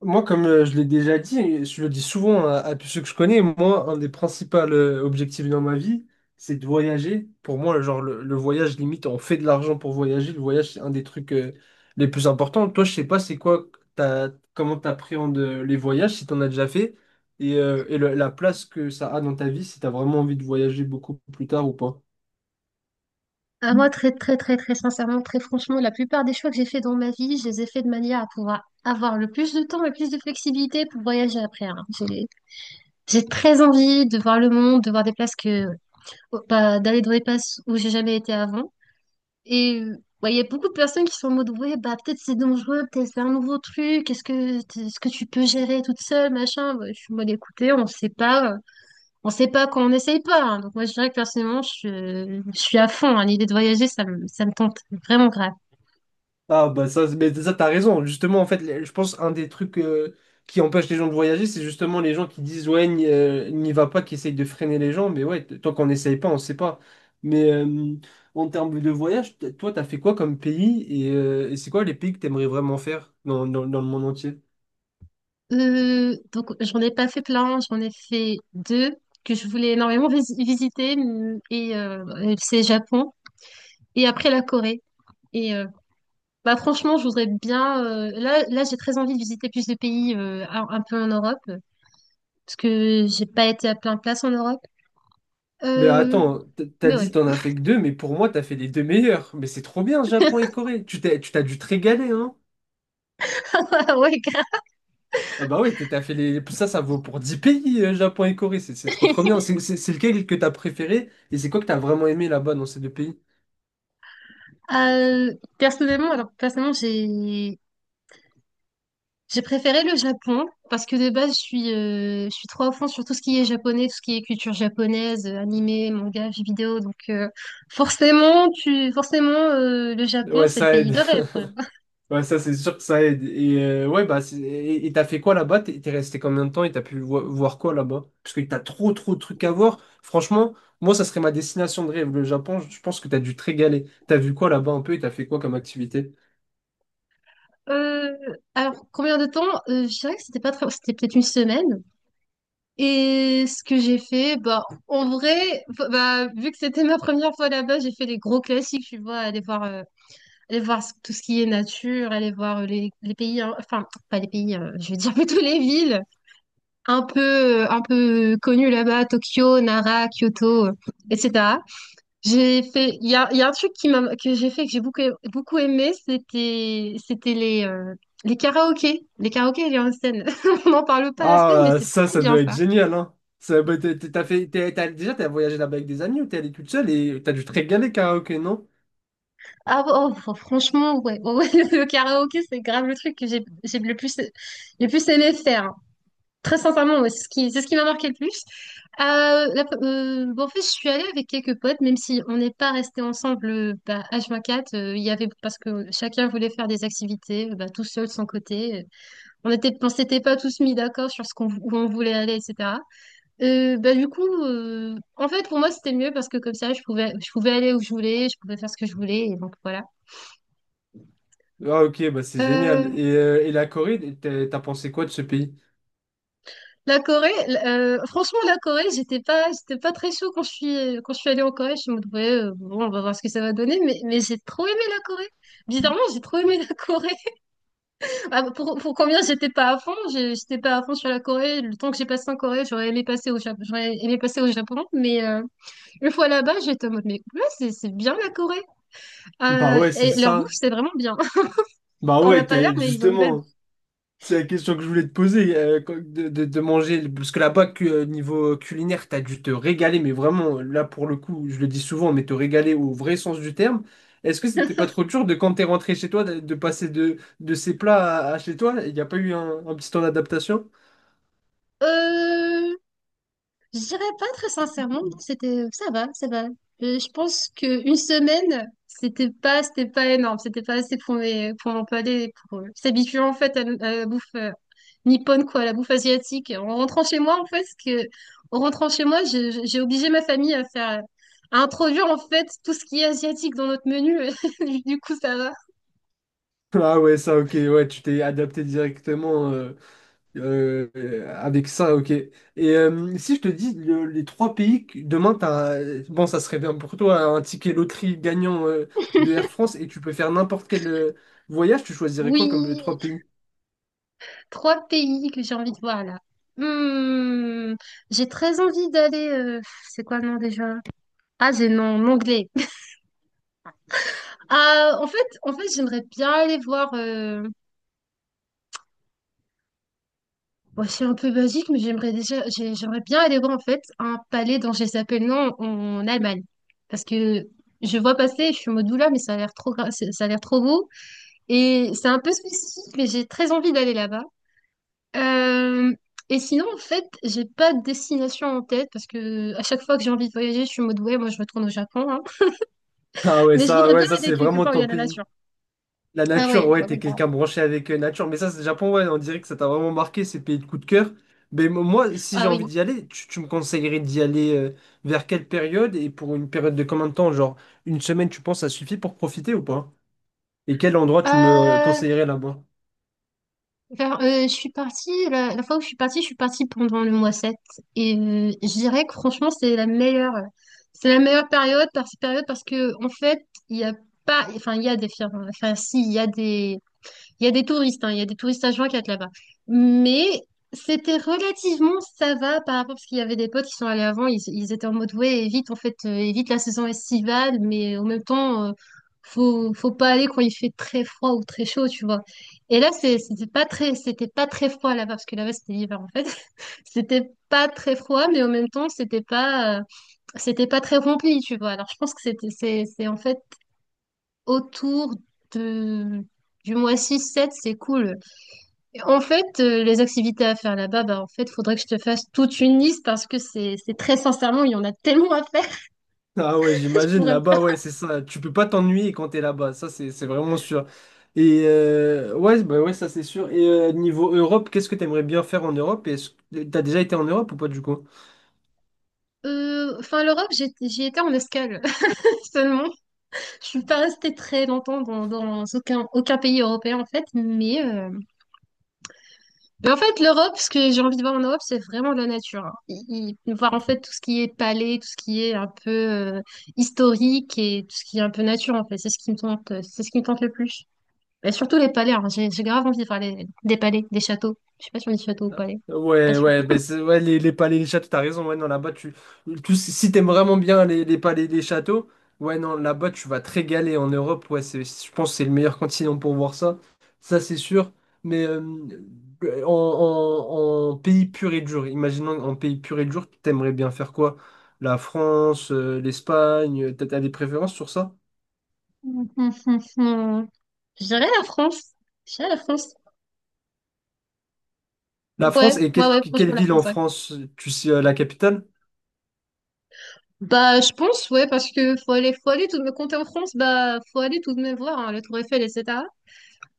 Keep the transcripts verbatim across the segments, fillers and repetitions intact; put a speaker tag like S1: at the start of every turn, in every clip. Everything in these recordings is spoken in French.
S1: Moi, comme euh, je l'ai déjà dit, je le dis souvent à, à tous ceux que je connais, moi, un des principaux euh, objectifs dans ma vie, c'est de voyager. Pour moi, genre, le, le voyage, limite, on fait de l'argent pour voyager. Le voyage, c'est un des trucs euh, les plus importants. Toi, je sais pas, c'est quoi, t'as, comment t'appréhendes euh, les voyages, si t'en as déjà fait, et, euh, et le- la place que ça a dans ta vie, si t'as vraiment envie de voyager beaucoup plus tard ou pas.
S2: Ah, moi, très, très, très, très sincèrement, très franchement, la plupart des choix que j'ai fait dans ma vie, je les ai faits de manière à pouvoir avoir le plus de temps, le plus de flexibilité pour voyager après, hein. J'ai, j'ai très envie de voir le monde, de voir des places que, oh, bah, d'aller dans des places où j'ai jamais été avant. Et euh, ouais, il y a beaucoup de personnes qui sont en mode, ouais, bah, peut-être c'est dangereux, peut-être c'est un nouveau truc, est-ce que, est-ce que tu peux gérer toute seule, machin. Ouais, je suis en mode, écoutez, on sait pas. On sait pas quand on n'essaye pas, hein. Donc moi, je dirais que personnellement, je, je suis à fond, hein. L'idée de voyager, ça me, ça me tente vraiment grave.
S1: Ah bah ça, mais ça t'as raison. Justement, en fait, les- je pense un des trucs euh, qui empêche les gens de voyager, c'est justement les gens qui disent ouais, n'y euh, n'y va pas, qui essayent de freiner les gens. Mais ouais, t- tant qu'on n'essaye pas, on sait pas. Mais euh, en termes de voyage, t- toi, t'as fait quoi comme pays et, euh, et c'est quoi les pays que t'aimerais vraiment faire dans, dans, dans le monde entier?
S2: Euh, donc j'en ai pas fait plein, j'en ai fait deux que je voulais énormément vis- visiter m- et euh, euh, c'est le Japon et après la Corée. Et euh, bah franchement, je voudrais bien. euh, là, là, j'ai très envie de visiter plus de pays euh, un, un peu en Europe, euh, parce que j'ai pas été à plein de places en Europe.
S1: Mais
S2: Euh,
S1: attends, t- t'as
S2: mais
S1: dit
S2: ouais,
S1: t'en as fait que deux, mais pour moi, t'as fait les deux meilleurs. Mais c'est trop bien, Japon et Corée. Tu t'es, tu t'as dû te régaler, hein.
S2: ouais, grave.
S1: Ah bah oui, t'es- t'as fait les... Ça, ça vaut pour dix pays, euh, Japon et Corée. C'est c'est trop trop bien. C'est c'est- c'est lequel que t'as préféré et c'est quoi que t'as vraiment aimé là-bas dans ces deux pays?
S2: Euh, personnellement, alors personnellement, j'ai j'ai préféré le Japon parce que de base, je suis, euh, je suis trop à fond sur tout ce qui est japonais, tout ce qui est culture japonaise, euh, animé, manga, jeux vidéo. Donc, euh, forcément, tu, forcément, euh, le Japon,
S1: Ouais,
S2: c'est le
S1: ça
S2: pays
S1: aide.
S2: de rêve, quoi.
S1: Ouais, ça, c'est sûr que ça aide. Et euh, ouais, bah, c'est- et et t'as fait quoi là-bas? T'es t'es resté combien de temps et t'as pu vo- voir quoi là-bas? Parce que t'as trop trop de trucs à voir. Franchement, moi, ça serait ma destination de rêve, le Japon. Je pense que t'as dû te régaler. T'as vu quoi là-bas un peu et t'as fait quoi comme activité?
S2: Euh, alors, combien de temps? Euh, je dirais que c'était pas très, c'était peut-être une semaine. Et ce que j'ai fait, bah, en vrai, f- bah, vu que c'était ma première fois là-bas, j'ai fait les gros classiques, tu vois, aller voir, euh, aller voir ce- tout ce qui est nature, aller voir euh, les, les pays, hein, enfin, pas les pays, hein, je veux dire plutôt les villes un peu, euh, un peu connues là-bas, Tokyo, Nara, Kyoto, euh, et cetera. J'ai fait, il y a, il y a un truc qui m'a, que j'ai fait, que j'ai beaucoup, beaucoup aimé, c'était, c'était les, euh, les karaokés, les karaokés et les onsen. On n'en parle pas assez, mais
S1: Ah, euh,
S2: c'est
S1: ça,
S2: très
S1: ça
S2: bien
S1: doit être
S2: ça.
S1: génial, hein. Ça, bah, t'as, t'as fait, t'as, t'as- déjà, t'as voyagé là-bas avec des amis ou t'es allé toute seule et t'as dû te régaler karaoké, non?
S2: Ah ouais, oh, fr- franchement, ouais, ouais, ouais, le karaoké, c'est grave le truc que j'ai j'ai le plus, le plus aimé faire, hein. Très sincèrement, ouais, c'est ce qui, c'est ce qui m'a marqué le plus. Euh, la- euh, bon, en fait, je suis allée avec quelques potes, même si on n'est pas resté ensemble euh, bah, H vingt-quatre. euh, Il y avait, parce que chacun voulait faire des activités, euh, bah, tout seul, de son côté, euh. On était, on s'était pas tous mis d'accord sur ce qu'on, où on voulait aller, et cetera. Euh, bah, du coup, euh, en fait, pour moi, c'était mieux parce que comme ça, je pouvais, je pouvais aller où je voulais, je pouvais faire ce que je voulais. Et donc, voilà.
S1: Ah, ok, bah c'est génial.
S2: Euh,
S1: Et, euh, et la Corée, t'as t'as pensé quoi de ce pays?
S2: la Corée, euh, franchement, la Corée, j'étais pas, j'étais pas très chaud quand je suis, quand je suis allée en Corée. Je me disais, ouais, euh, bon, on va voir ce que ça va donner, mais, mais j'ai trop aimé la Corée. Bizarrement, j'ai trop aimé la Corée. Ah, pour, pour combien j'étais pas à fond, j'ai- j'étais pas à fond sur la Corée. Le temps que j'ai passé en Corée, j'aurais aimé passer au Japon, j'aurais aimé passer au Japon, mais euh, une fois là-bas, j'étais en mode, mais ouais, c'est, c'est bien la Corée.
S1: Bah
S2: Euh,
S1: ouais, c'est
S2: et leur bouffe,
S1: ça.
S2: c'est vraiment bien.
S1: Bah
S2: T'en as
S1: ouais,
S2: pas l'air,
S1: t'as-
S2: mais ils ont une belle bouffe.
S1: justement. C'est la question que je voulais te poser, euh, quand- de, de- de manger, parce que là-bas, cu- euh, niveau culinaire, t'as dû te régaler, mais vraiment, là pour le coup, je le dis souvent, mais te régaler au vrai sens du terme. Est-ce que c'était pas trop dur de quand t'es rentré chez toi, de, de passer de, de ces plats à, à chez toi? Il n'y a pas eu un, un petit temps d'adaptation?
S2: Euh, Je dirais pas très sincèrement, non, c'était ça va, ça va. Euh, Je pense que une semaine, c'était pas c'était pas énorme, c'était pas assez pour mes pour mon palais pour euh, s'habituer en fait à, à la bouffe euh, nippone quoi, à la bouffe asiatique. En rentrant chez moi en fait, parce que en rentrant chez moi, je- je- j'ai obligé ma famille à faire à introduire en fait tout ce qui est asiatique dans notre menu. Du coup, ça va.
S1: Ah ouais, ça, ok, ouais, tu t'es adapté directement. euh, Euh, avec ça, ok. Et euh, si je te dis le- les trois pays, que- demain, t'as, bon, ça serait bien pour toi, un ticket loterie gagnant euh, de Air France et tu peux faire n'importe quel euh, voyage, tu choisirais quoi comme les
S2: Oui,
S1: trois pays?
S2: trois pays que j'ai envie de voir là. Hmm, j'ai très envie d'aller. Euh, c'est quoi le nom déjà? Ah, j'ai non mon anglais. Ah, en fait, en fait, j'aimerais bien aller voir. euh, Bon, c'est un peu basique, mais j'aimerais déjà, j'ai- j'aimerais bien aller voir en fait un palais dont je sais pas le nom en Allemagne, parce que je vois passer, je suis en mode oula, mais ça a l'air trop, gra- c'est- ça a l'air trop beau, et c'est un peu spécifique, mais j'ai très envie d'aller là-bas. Euh, Et sinon, en fait, j'ai pas de destination en tête parce que à chaque fois que j'ai envie de voyager, je suis en mode ouais, moi je retourne au Japon, hein.
S1: Ah ouais,
S2: Mais je
S1: ça,
S2: voudrais bien
S1: ouais, ça
S2: aller
S1: c'est
S2: quelque
S1: vraiment
S2: part où il y
S1: ton
S2: a la
S1: pays.
S2: nature.
S1: La
S2: Ah
S1: nature,
S2: ouais,
S1: ouais,
S2: ouais,
S1: t'es
S2: ouais, grave.
S1: quelqu'un branché avec euh, nature, mais ça, c'est Japon, ouais, on dirait que ça t'a vraiment marqué, ces pays de coup de cœur. Mais mo- moi, si j'ai
S2: Ah oui.
S1: envie d'y aller, tu, tu me conseillerais d'y aller euh, vers quelle période et pour une période de combien de temps? Genre, une semaine, tu penses, ça suffit pour profiter ou pas? Et quel endroit tu me
S2: Euh,
S1: conseillerais là-bas?
S2: Enfin, euh, je suis partie, la, la fois où je suis partie, je suis partie pendant le mois sept. Et euh, je dirais que franchement, c'est la meilleure, c'est la meilleure période, par période parce que, en fait, il y a pas, enfin, il y a des firmes, enfin, si, il y a des, il y a des touristes, hein, il y a des touristes à quatre là-bas. Mais c'était relativement ça va par rapport, parce qu'il y avait des potes qui sont allés avant, ils, ils étaient en mode ouais, évite en fait, euh, évite la saison estivale, mais en même temps, euh, faut, faut pas aller quand il fait très froid ou très chaud, tu vois. Et là, c'est- c'était pas très, c'était pas très froid là-bas, parce que là-bas c'était l'hiver en fait. C'était pas très froid, mais en même temps, c'était pas, euh, c'était pas très rempli, tu vois. Alors je pense que c'était, c'est, c'est en fait autour de, du mois six sept c'est cool. En fait, euh, les activités à faire là-bas, bah, en fait, faudrait que je te fasse toute une liste parce que c'est, c'est très sincèrement, il y en a tellement à faire.
S1: Ah ouais,
S2: Je
S1: j'imagine
S2: pourrais.
S1: là-bas, ouais, c'est ça. Tu peux pas t'ennuyer quand t'es là-bas, ça c'est c'est vraiment sûr. Et euh, ouais, bah ouais, ça c'est sûr. Et euh, niveau Europe, qu'est-ce que t'aimerais bien faire en Europe? Est-ce que t'as déjà été en Europe ou pas du coup?
S2: Euh, enfin, L'Europe, j'ai- j'y étais en escale seulement. Je suis pas restée très longtemps dans, dans aucun, aucun pays européen en fait, mais, euh, mais en fait, l'Europe, ce que j'ai envie de voir en Europe, c'est vraiment de la nature, hein. Y- y- voir en fait tout ce qui est palais, tout ce qui est un peu euh, historique et tout ce qui est un peu nature en fait, c'est ce qui me tente, c'est ce qui me tente le plus. Et surtout les palais, hein. J'ai j'ai grave envie de faire des palais, des châteaux. Je sais pas si on dit château ou palais. Pas
S1: Ouais,
S2: sûr.
S1: ouais, ben c'est- ouais les, les palais, les châteaux, t'as raison, ouais, non, là-bas, tu, tu- si t'aimes vraiment bien les, les palais, les châteaux, ouais, non, là-bas, tu vas te régaler en Europe, ouais, c'est, je pense que c'est le meilleur continent pour voir ça, ça, c'est sûr, mais euh, en, en- en pays pur et dur, imaginons en pays pur et dur, t'aimerais bien faire quoi? La France, euh, l'Espagne, t'as t'as des préférences sur ça?
S2: Hum, hum, hum, hum. Je dirais la France. Je dirais la France.
S1: La France,
S2: Ouais,
S1: et
S2: ouais,
S1: quelle,
S2: ouais,
S1: quelle
S2: franchement, la
S1: ville en
S2: France, ouais.
S1: France, tu sais, euh, la capitale?
S2: Bah, je pense, ouais, parce que faut aller, faut aller tout de même, quand en France, bah, faut aller tout de même voir, hein, la Tour Eiffel, et cetera.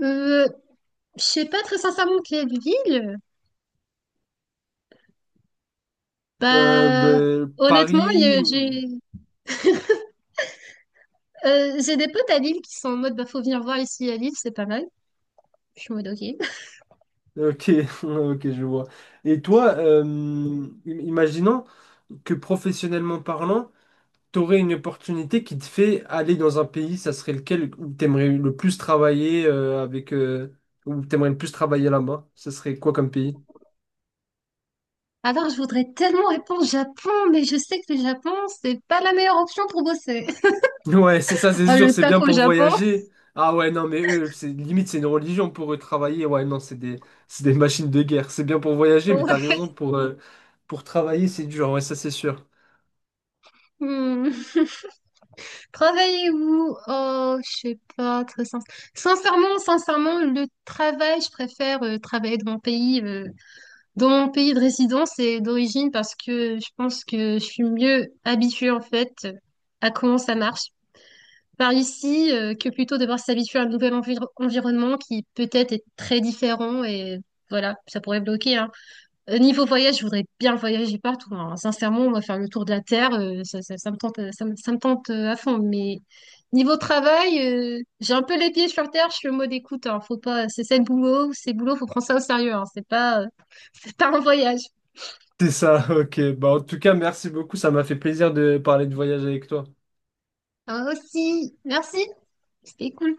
S2: Euh, je sais pas très sincèrement quelle ville.
S1: Euh,
S2: Bah,
S1: ben,
S2: honnêtement, il y a-
S1: Paris. Ou-
S2: j'ai euh, j'ai des potes à Lille qui sont en mode, bah, faut venir voir ici à Lille, c'est pas mal. Je suis en mode, ok.
S1: Ok, ok, je vois. Et toi, euh, im- imaginons que professionnellement parlant, t'aurais une opportunité qui te fait aller dans un pays, ça serait lequel où t'aimerais le plus travailler euh, avec euh, où t'aimerais le plus travailler là-bas? Ça serait quoi comme pays?
S2: Alors, je voudrais tellement répondre Japon, mais je sais que le Japon, c'est pas la meilleure option pour bosser.
S1: Ouais, c'est ça, c'est
S2: Oh,
S1: sûr,
S2: le
S1: c'est
S2: taf
S1: bien
S2: au
S1: pour
S2: Japon.
S1: voyager. Ah ouais, non, mais eux, c'est limite, c'est une religion pour eux travailler. Ouais, non, c'est des, c'est des machines de guerre. C'est bien pour voyager, mais t'as
S2: Ouais.
S1: raison, pour, euh, pour travailler, c'est dur. Ouais, ça, c'est sûr.
S2: Hmm. Travailler où? Oh, je sais pas, très sin- sincèrement, sincèrement, le travail, je préfère euh, travailler dans mon pays, euh, dans mon pays de résidence et d'origine parce que je pense que je suis mieux habituée en fait à comment ça marche. Par ici euh, que plutôt devoir s'habituer à un nouvel enviro- environnement qui peut-être est très différent et voilà, ça pourrait bloquer, hein. Euh, Niveau voyage, je voudrais bien voyager partout, hein. Sincèrement, on va faire le tour de la Terre, euh, ça, ça, ça me tente, euh, ça, me ça me tente euh, à fond. Mais niveau travail, euh, j'ai un peu les pieds sur terre, je suis en mode écoute, hein, faut pas, c'est ça le boulot, c'est le boulot, faut prendre ça au sérieux, hein. C'est pas, euh, c'est pas un voyage.
S1: C'est ça, ok. Bah, en tout cas, merci beaucoup. Ça m'a fait plaisir de parler de voyage avec toi.
S2: Ah, aussi, merci, c'était cool.